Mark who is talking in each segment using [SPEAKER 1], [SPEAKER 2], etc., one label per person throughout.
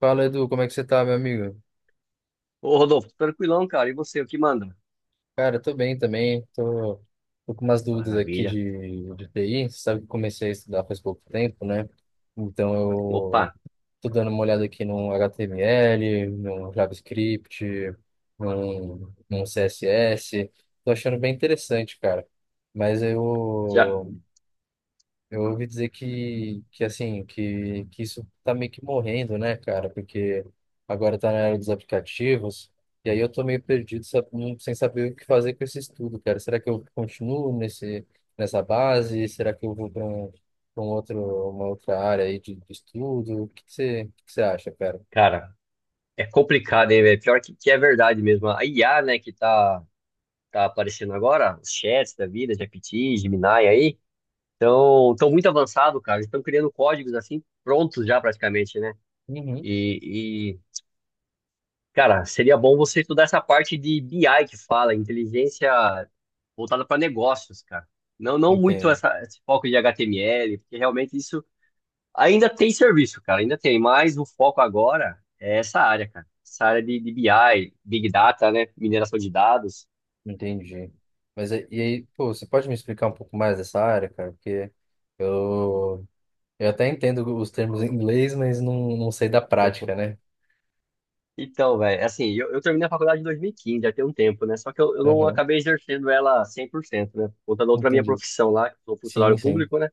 [SPEAKER 1] Fala, Edu, como é que você tá, meu amigo?
[SPEAKER 2] Ô, Rodolfo, tranquilão, cara. E você, o que manda?
[SPEAKER 1] Cara, eu tô bem também, tô com umas dúvidas aqui
[SPEAKER 2] Maravilha.
[SPEAKER 1] de TI. Você sabe que eu comecei a estudar faz pouco tempo, né? Então
[SPEAKER 2] Opa,
[SPEAKER 1] eu tô dando uma olhada aqui no HTML, no JavaScript, no CSS, tô achando bem interessante, cara. Mas
[SPEAKER 2] já.
[SPEAKER 1] eu, Eu ouvi dizer que isso tá meio que morrendo, né, cara? Porque agora tá na era dos aplicativos, e aí eu tô meio perdido, sabe, sem saber o que fazer com esse estudo, cara. Será que eu continuo nessa base? Será que eu vou para uma outra área aí de estudo? O que que você, o que que você acha, cara?
[SPEAKER 2] Cara, é complicado, hein, velho? Pior que é verdade mesmo. A IA, né, que tá aparecendo agora, os chats da vida, GPT, Gemini aí, estão tão muito avançado, cara. Eles estão criando códigos assim, prontos já praticamente, né?
[SPEAKER 1] Uhum.
[SPEAKER 2] E, cara, seria bom você estudar essa parte de BI que fala, inteligência voltada para negócios, cara. Não, não muito
[SPEAKER 1] Entendo,
[SPEAKER 2] essa, esse foco de HTML, porque realmente isso ainda tem serviço, cara, ainda tem, mas o foco agora é essa área, cara. Essa área de BI, Big Data, né? Mineração de dados.
[SPEAKER 1] entendi. Mas aí- e aí, pô, você pode me explicar um pouco mais dessa área, cara? Porque eu eu até entendo os termos em inglês, mas não sei da prática, né?
[SPEAKER 2] Então, velho, assim, eu terminei a faculdade em 2015, já tem um tempo, né? Só que eu não
[SPEAKER 1] Aham,
[SPEAKER 2] acabei exercendo ela 100%, né? Por conta da outra minha
[SPEAKER 1] entendi.
[SPEAKER 2] profissão lá, que sou
[SPEAKER 1] Sim,
[SPEAKER 2] funcionário
[SPEAKER 1] sim.
[SPEAKER 2] público, né?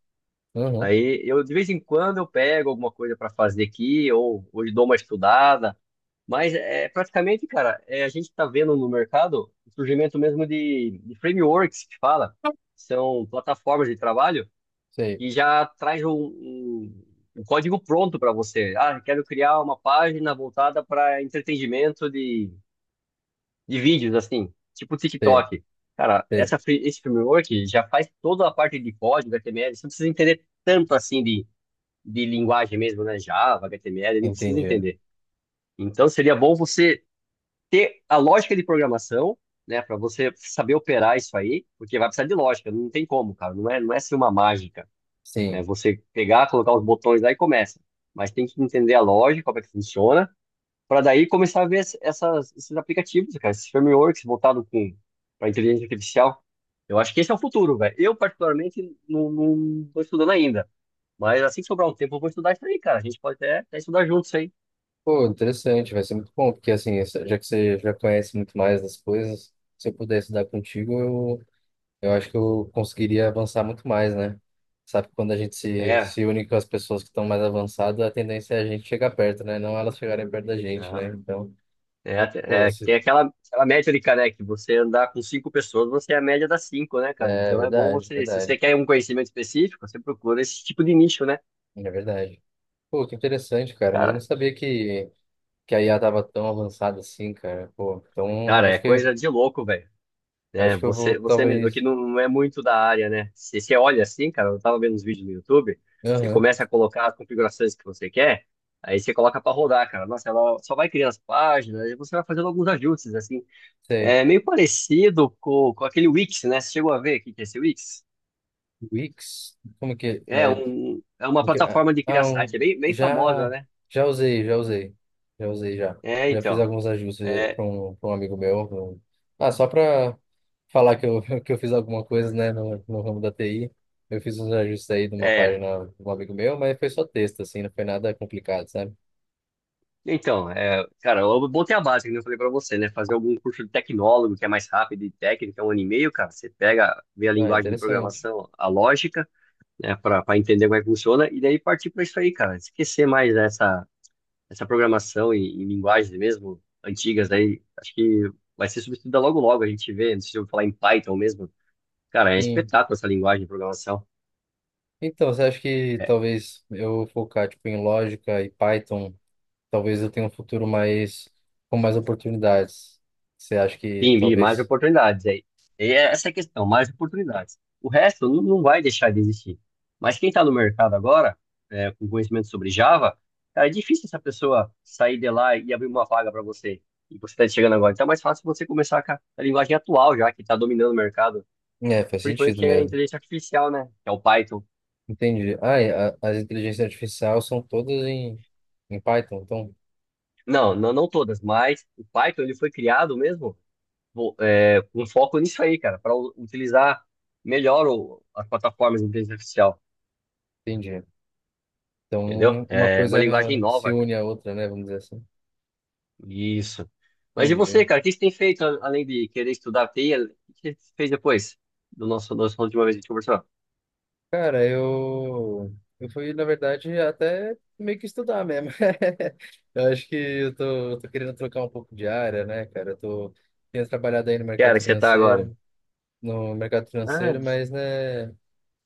[SPEAKER 1] Aham,
[SPEAKER 2] Aí eu, de vez em quando, eu pego alguma coisa para fazer aqui, ou dou uma estudada. Mas é praticamente, cara, é, a gente está vendo no mercado o surgimento mesmo de frameworks que fala, são plataformas de trabalho
[SPEAKER 1] sei,
[SPEAKER 2] que já traz um código pronto para você. Ah, quero criar uma página voltada para entretenimento de vídeos, assim, tipo
[SPEAKER 1] sei,
[SPEAKER 2] TikTok. Cara,
[SPEAKER 1] sei.
[SPEAKER 2] esse framework já faz toda a parte de código, HTML, você não precisa entender tanto assim de linguagem mesmo, né? Java, HTML, não precisa
[SPEAKER 1] Entendi.
[SPEAKER 2] entender. Então seria bom você ter a lógica de programação, né, para você saber operar isso aí, porque vai precisar de lógica, não tem como, cara, não é ser uma mágica, né,
[SPEAKER 1] Sim.
[SPEAKER 2] você pegar, colocar os botões lá e começa, mas tem que entender a lógica, como é que funciona, para daí começar a ver esses aplicativos, cara, esses frameworks voltados com para inteligência artificial. Eu acho que esse é o futuro, velho. Eu, particularmente, não, não tô estudando ainda. Mas assim que sobrar um tempo, eu vou estudar isso aí, cara. A gente pode até estudar juntos aí.
[SPEAKER 1] Pô, interessante, vai ser muito bom, porque assim, já que você já conhece muito mais das coisas, se eu pudesse dar contigo, eu acho que eu conseguiria avançar muito mais, né? Sabe, quando a gente
[SPEAKER 2] É.
[SPEAKER 1] se une com as pessoas que estão mais avançadas, a tendência é a gente chegar perto, né? Não elas chegarem perto da gente, né?
[SPEAKER 2] Né?
[SPEAKER 1] Então,
[SPEAKER 2] É,
[SPEAKER 1] pô,
[SPEAKER 2] é, tem
[SPEAKER 1] se...
[SPEAKER 2] aquela métrica, né? Que você andar com cinco pessoas, você é a média das cinco, né, cara?
[SPEAKER 1] É
[SPEAKER 2] Então é bom
[SPEAKER 1] verdade,
[SPEAKER 2] você, se você
[SPEAKER 1] verdade.
[SPEAKER 2] quer um conhecimento específico, você procura esse tipo de nicho, né?
[SPEAKER 1] É verdade. Pô, que interessante, cara. Mas eu não
[SPEAKER 2] Cara,
[SPEAKER 1] sabia que a IA tava tão avançada assim, cara. Pô, então
[SPEAKER 2] cara, é coisa de louco, velho. É,
[SPEAKER 1] acho que eu vou
[SPEAKER 2] você mesmo que
[SPEAKER 1] talvez.
[SPEAKER 2] não, não é muito da área, né? Se você olha assim, cara, eu tava vendo uns vídeos no YouTube, você
[SPEAKER 1] Aham,
[SPEAKER 2] começa a colocar as configurações que você quer, aí você coloca pra rodar, cara. Nossa, ela só vai criando as páginas, e você vai fazendo alguns ajustes, assim.
[SPEAKER 1] sei.
[SPEAKER 2] É meio parecido com aquele Wix, né? Você chegou a ver o que que é esse Wix?
[SPEAKER 1] Wix? Como que
[SPEAKER 2] É,
[SPEAKER 1] é?
[SPEAKER 2] é uma
[SPEAKER 1] o que- Ah,
[SPEAKER 2] plataforma de criar
[SPEAKER 1] ah,
[SPEAKER 2] site,
[SPEAKER 1] um-
[SPEAKER 2] é bem, bem famosa,
[SPEAKER 1] já
[SPEAKER 2] né?
[SPEAKER 1] já usei, já usei. Já usei já.
[SPEAKER 2] É,
[SPEAKER 1] Já fiz
[SPEAKER 2] então.
[SPEAKER 1] alguns ajustes para
[SPEAKER 2] É,
[SPEAKER 1] pra um amigo meu. Ah, só para falar que eu, que eu fiz alguma coisa, né, no ramo da TI. Eu fiz uns ajustes aí de uma
[SPEAKER 2] é.
[SPEAKER 1] página de um amigo meu, mas foi só texto, assim, não foi nada complicado, sabe?
[SPEAKER 2] Então, é, cara, eu botei a base, que eu falei pra você, né? Fazer algum curso de tecnólogo, que é mais rápido e técnico, é um ano e meio, cara. Você pega, vê a
[SPEAKER 1] Ah,
[SPEAKER 2] linguagem de
[SPEAKER 1] interessante.
[SPEAKER 2] programação, a lógica, né? Pra entender como é que funciona, e daí partir pra isso aí, cara. Esquecer mais essa programação em linguagens mesmo antigas, aí acho que vai ser substituída logo logo. A gente vê, não sei se eu vou falar em Python mesmo. Cara, é
[SPEAKER 1] Sim.
[SPEAKER 2] espetáculo essa linguagem de programação.
[SPEAKER 1] Então, você acha que talvez eu focar tipo em lógica e Python, talvez eu tenha um futuro mais com mais oportunidades? Você acha que
[SPEAKER 2] Sim, vi mais
[SPEAKER 1] talvez...
[SPEAKER 2] oportunidades aí. E é essa é a questão, mais oportunidades. O resto não vai deixar de existir. Mas quem está no mercado agora, é, com conhecimento sobre Java, cara, é difícil essa pessoa sair de lá e abrir uma vaga para você. E você está chegando agora. Então é mais fácil você começar com a linguagem atual já, que está dominando o mercado.
[SPEAKER 1] É, faz
[SPEAKER 2] Principalmente
[SPEAKER 1] sentido
[SPEAKER 2] que é a
[SPEAKER 1] mesmo.
[SPEAKER 2] inteligência artificial, né? Que é o Python.
[SPEAKER 1] Entendi. Ah, e as inteligências artificiais são todas em, em Python, então
[SPEAKER 2] Não, não, não todas, mas o Python ele foi criado mesmo com foco nisso aí, cara, para utilizar melhor as plataformas de inteligência artificial.
[SPEAKER 1] entendi. Então
[SPEAKER 2] Entendeu?
[SPEAKER 1] uma
[SPEAKER 2] É uma
[SPEAKER 1] coisa
[SPEAKER 2] linguagem
[SPEAKER 1] se
[SPEAKER 2] nova, cara.
[SPEAKER 1] une à outra, né? Vamos dizer assim.
[SPEAKER 2] Isso. Mas e
[SPEAKER 1] Entendi.
[SPEAKER 2] você, cara? O que você tem feito além de querer estudar TI? O que você fez depois do nosso última vez que a gente conversou?
[SPEAKER 1] Cara, eu fui, na verdade, até meio que estudar mesmo. Eu acho que eu tô querendo trocar um pouco de área, né, cara? Tenho trabalhado aí no
[SPEAKER 2] Que área
[SPEAKER 1] mercado
[SPEAKER 2] que você tá agora?
[SPEAKER 1] financeiro, no mercado financeiro,
[SPEAKER 2] Ah,
[SPEAKER 1] mas, né?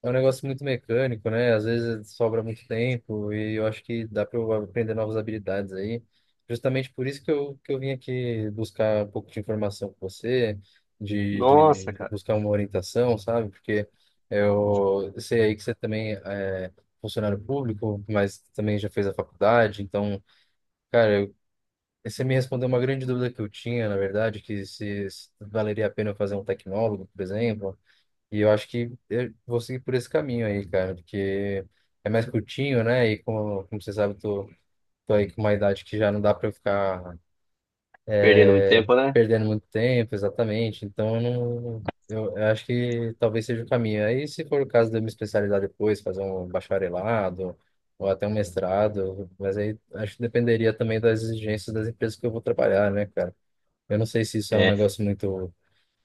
[SPEAKER 1] É um negócio muito mecânico, né? Às vezes sobra muito tempo e eu acho que dá para eu aprender novas habilidades aí. Justamente por isso que eu vim aqui buscar um pouco de informação com você,
[SPEAKER 2] nossa,
[SPEAKER 1] de
[SPEAKER 2] cara.
[SPEAKER 1] buscar uma orientação, sabe? Porque eu sei aí que você também é funcionário público, mas também já fez a faculdade. Então, cara, você me respondeu uma grande dúvida que eu tinha, na verdade, que se valeria a pena eu fazer um tecnólogo, por exemplo. E eu acho que eu vou seguir por esse caminho aí, cara, porque é mais curtinho, né? E como, como você sabe, tô aí com uma idade que já não dá pra eu ficar
[SPEAKER 2] Perdendo muito
[SPEAKER 1] é,
[SPEAKER 2] tempo, né?
[SPEAKER 1] perdendo muito tempo, exatamente. Então, eu não, eu acho que talvez seja o caminho. Aí, se for o caso de eu me especializar depois, fazer um bacharelado ou até um mestrado, mas aí acho que dependeria também das exigências das empresas que eu vou trabalhar, né, cara? Eu não sei se isso é um
[SPEAKER 2] É.
[SPEAKER 1] negócio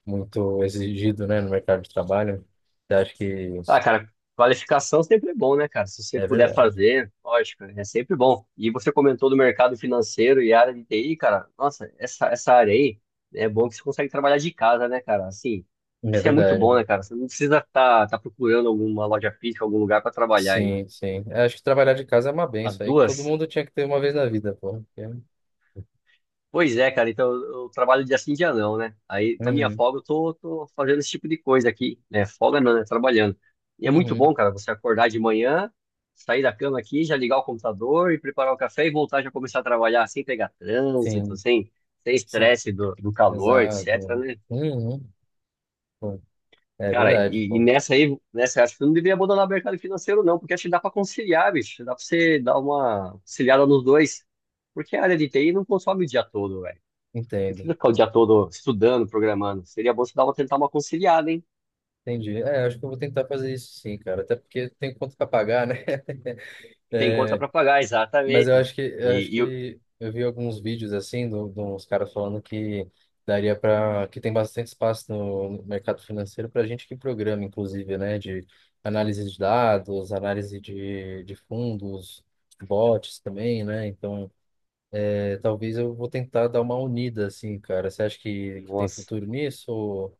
[SPEAKER 1] muito exigido, né, no mercado de trabalho. Você acha que...
[SPEAKER 2] Ah, cara, qualificação sempre é bom, né, cara? Se você
[SPEAKER 1] É
[SPEAKER 2] puder
[SPEAKER 1] verdade.
[SPEAKER 2] fazer, lógico, é sempre bom. E você comentou do mercado financeiro e área de TI, cara. Nossa, essa área aí, né, é bom que você consegue trabalhar de casa, né, cara? Assim,
[SPEAKER 1] É
[SPEAKER 2] isso é muito
[SPEAKER 1] verdade.
[SPEAKER 2] bom, né, cara? Você não precisa estar tá procurando alguma loja física, algum lugar para trabalhar. E
[SPEAKER 1] Sim, sim. Eu acho que trabalhar de casa é uma
[SPEAKER 2] as
[SPEAKER 1] benção aí que todo
[SPEAKER 2] duas.
[SPEAKER 1] mundo tinha que ter uma vez na vida, pô. Porque...
[SPEAKER 2] Pois é, cara, então eu trabalho dia sim, dia não, né? Aí na minha
[SPEAKER 1] Uhum.
[SPEAKER 2] folga eu tô fazendo esse tipo de coisa aqui, né? Folga não, né? Trabalhando. E é muito bom,
[SPEAKER 1] Uhum.
[SPEAKER 2] cara, você acordar de manhã, sair da cama aqui, já ligar o computador e preparar o café e voltar já começar a trabalhar sem pegar trânsito,
[SPEAKER 1] Sim,
[SPEAKER 2] sem
[SPEAKER 1] sim.
[SPEAKER 2] estresse do calor, etc,
[SPEAKER 1] Exato.
[SPEAKER 2] né?
[SPEAKER 1] Uhum. Pô. É
[SPEAKER 2] Cara,
[SPEAKER 1] verdade,
[SPEAKER 2] e
[SPEAKER 1] pô.
[SPEAKER 2] nessa aí, nessa, acho que eu não devia abandonar o mercado financeiro, não, porque acho que dá pra conciliar, bicho. Dá pra você dar uma conciliada nos dois. Porque a área de TI não consome o dia todo, velho. Não
[SPEAKER 1] Entendo.
[SPEAKER 2] precisa ficar o dia todo estudando, programando. Seria bom você dar uma, tentar uma conciliada, hein?
[SPEAKER 1] Entendi. É, acho que eu vou tentar fazer isso sim, cara. Até porque tem conta pra pagar, né?
[SPEAKER 2] Tem conta para pagar,
[SPEAKER 1] Mas eu
[SPEAKER 2] exatamente.
[SPEAKER 1] acho que eu acho
[SPEAKER 2] E, e, o-
[SPEAKER 1] que eu vi alguns vídeos assim do, de uns caras falando que daria para que tem bastante espaço no mercado financeiro para gente que programa, inclusive, né, de análise de dados, análise de fundos, bots também, né? Então, é, talvez eu vou tentar dar uma unida assim, cara. Você acha que tem
[SPEAKER 2] Nossa,
[SPEAKER 1] futuro nisso?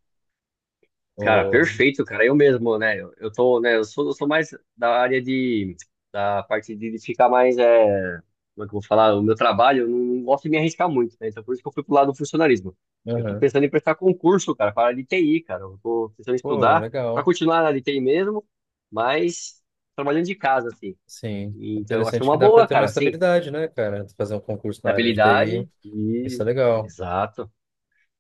[SPEAKER 2] cara,
[SPEAKER 1] Ou...
[SPEAKER 2] perfeito, cara. Eu mesmo, né? Eu tô, né? Eu sou mais da área de, da parte de ficar mais, é, como é que eu vou falar? O meu trabalho, eu não gosto de me arriscar muito, né? Então, por isso que eu fui pro lado do funcionalismo. Eu tô
[SPEAKER 1] Aham.
[SPEAKER 2] pensando em prestar concurso, cara, para a área de TI, cara. Eu tô pensando em
[SPEAKER 1] Pô,
[SPEAKER 2] estudar para
[SPEAKER 1] legal.
[SPEAKER 2] continuar na área de TI mesmo, mas trabalhando de casa, assim.
[SPEAKER 1] Sim,
[SPEAKER 2] Então, eu acho
[SPEAKER 1] interessante
[SPEAKER 2] uma
[SPEAKER 1] que dá para
[SPEAKER 2] boa,
[SPEAKER 1] ter uma
[SPEAKER 2] cara, assim.
[SPEAKER 1] estabilidade, né, cara? Fazer um concurso na área de TI,
[SPEAKER 2] Estabilidade e
[SPEAKER 1] isso é legal.
[SPEAKER 2] exato.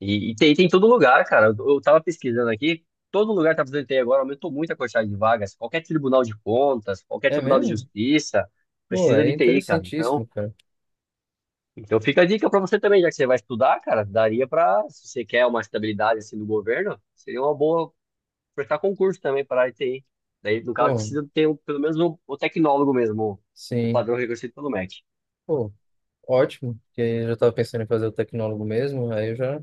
[SPEAKER 2] E tem em todo lugar, cara. Eu tava pesquisando aqui, todo lugar tá precisando ter agora, aumentou muito a quantidade de vagas. Qualquer tribunal de contas, qualquer
[SPEAKER 1] É
[SPEAKER 2] tribunal de
[SPEAKER 1] mesmo?
[SPEAKER 2] justiça
[SPEAKER 1] Pô,
[SPEAKER 2] precisa
[SPEAKER 1] é
[SPEAKER 2] de TI, cara. Então,
[SPEAKER 1] interessantíssimo, cara.
[SPEAKER 2] então fica a dica pra você também, já que você vai estudar, cara, daria pra, se você quer uma estabilidade assim do governo, seria uma boa prestar concurso também para a TI. Daí, no caso,
[SPEAKER 1] Pô,
[SPEAKER 2] precisa ter pelo menos um, o tecnólogo mesmo, o
[SPEAKER 1] sim.
[SPEAKER 2] padrão reconhecido pelo MEC.
[SPEAKER 1] Pô, ótimo, porque eu já estava pensando em fazer o tecnólogo mesmo, aí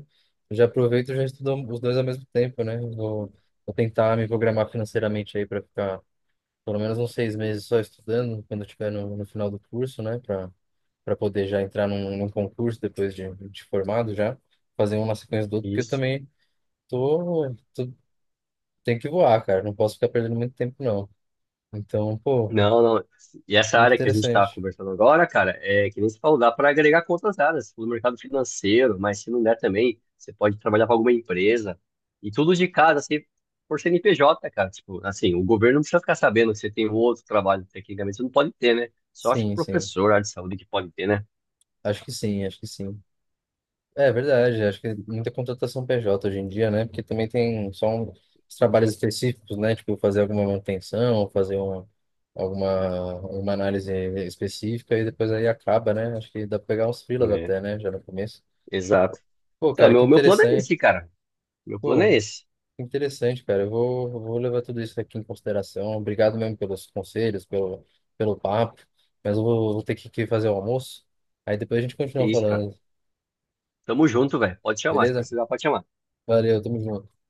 [SPEAKER 1] já aproveito e já estudo os dois ao mesmo tempo, né? Vou tentar me programar financeiramente aí para ficar pelo menos uns 6 meses só estudando, quando eu estiver no final do curso, né? Para poder já entrar num concurso depois de formado já, fazer uma na sequência do outro, porque eu
[SPEAKER 2] Isso.
[SPEAKER 1] também tô, tô, tenho que voar, cara, não posso ficar perdendo muito tempo, não. Então, pô,
[SPEAKER 2] Não, não. E essa
[SPEAKER 1] muito
[SPEAKER 2] área que a gente está
[SPEAKER 1] interessante.
[SPEAKER 2] conversando agora, cara, é que nem se falou, dá para agregar com outras áreas, no mercado financeiro, mas se não der também, você pode trabalhar para alguma empresa. E tudo de casa, assim, por CNPJ, cara. Tipo, assim, o governo não precisa ficar sabendo que você tem um outro trabalho, tecnicamente, você não pode ter, né? Só acho que
[SPEAKER 1] Sim, sim.
[SPEAKER 2] professor, área de saúde que pode ter, né?
[SPEAKER 1] Acho que sim, acho que sim. É verdade, acho que muita contratação PJ hoje em dia, né? Porque também tem só um, os trabalhos específicos, né? Tipo, fazer alguma manutenção, fazer alguma uma análise específica e depois aí acaba, né? Acho que dá pra pegar uns freelas
[SPEAKER 2] É,
[SPEAKER 1] até, né? Já no começo.
[SPEAKER 2] exato.
[SPEAKER 1] Pô,
[SPEAKER 2] Então,
[SPEAKER 1] cara, que
[SPEAKER 2] meu plano é
[SPEAKER 1] interessante.
[SPEAKER 2] esse, cara. Meu plano é
[SPEAKER 1] Pô,
[SPEAKER 2] esse.
[SPEAKER 1] que interessante, cara. Eu vou levar tudo isso aqui em consideração. Obrigado mesmo pelos conselhos, pelo papo. Mas vou ter que fazer o almoço. Aí depois a gente
[SPEAKER 2] Que
[SPEAKER 1] continua
[SPEAKER 2] isso, cara.
[SPEAKER 1] falando,
[SPEAKER 2] Tamo junto, velho. Pode chamar, se
[SPEAKER 1] beleza?
[SPEAKER 2] precisar, pode chamar.
[SPEAKER 1] Valeu, tamo junto.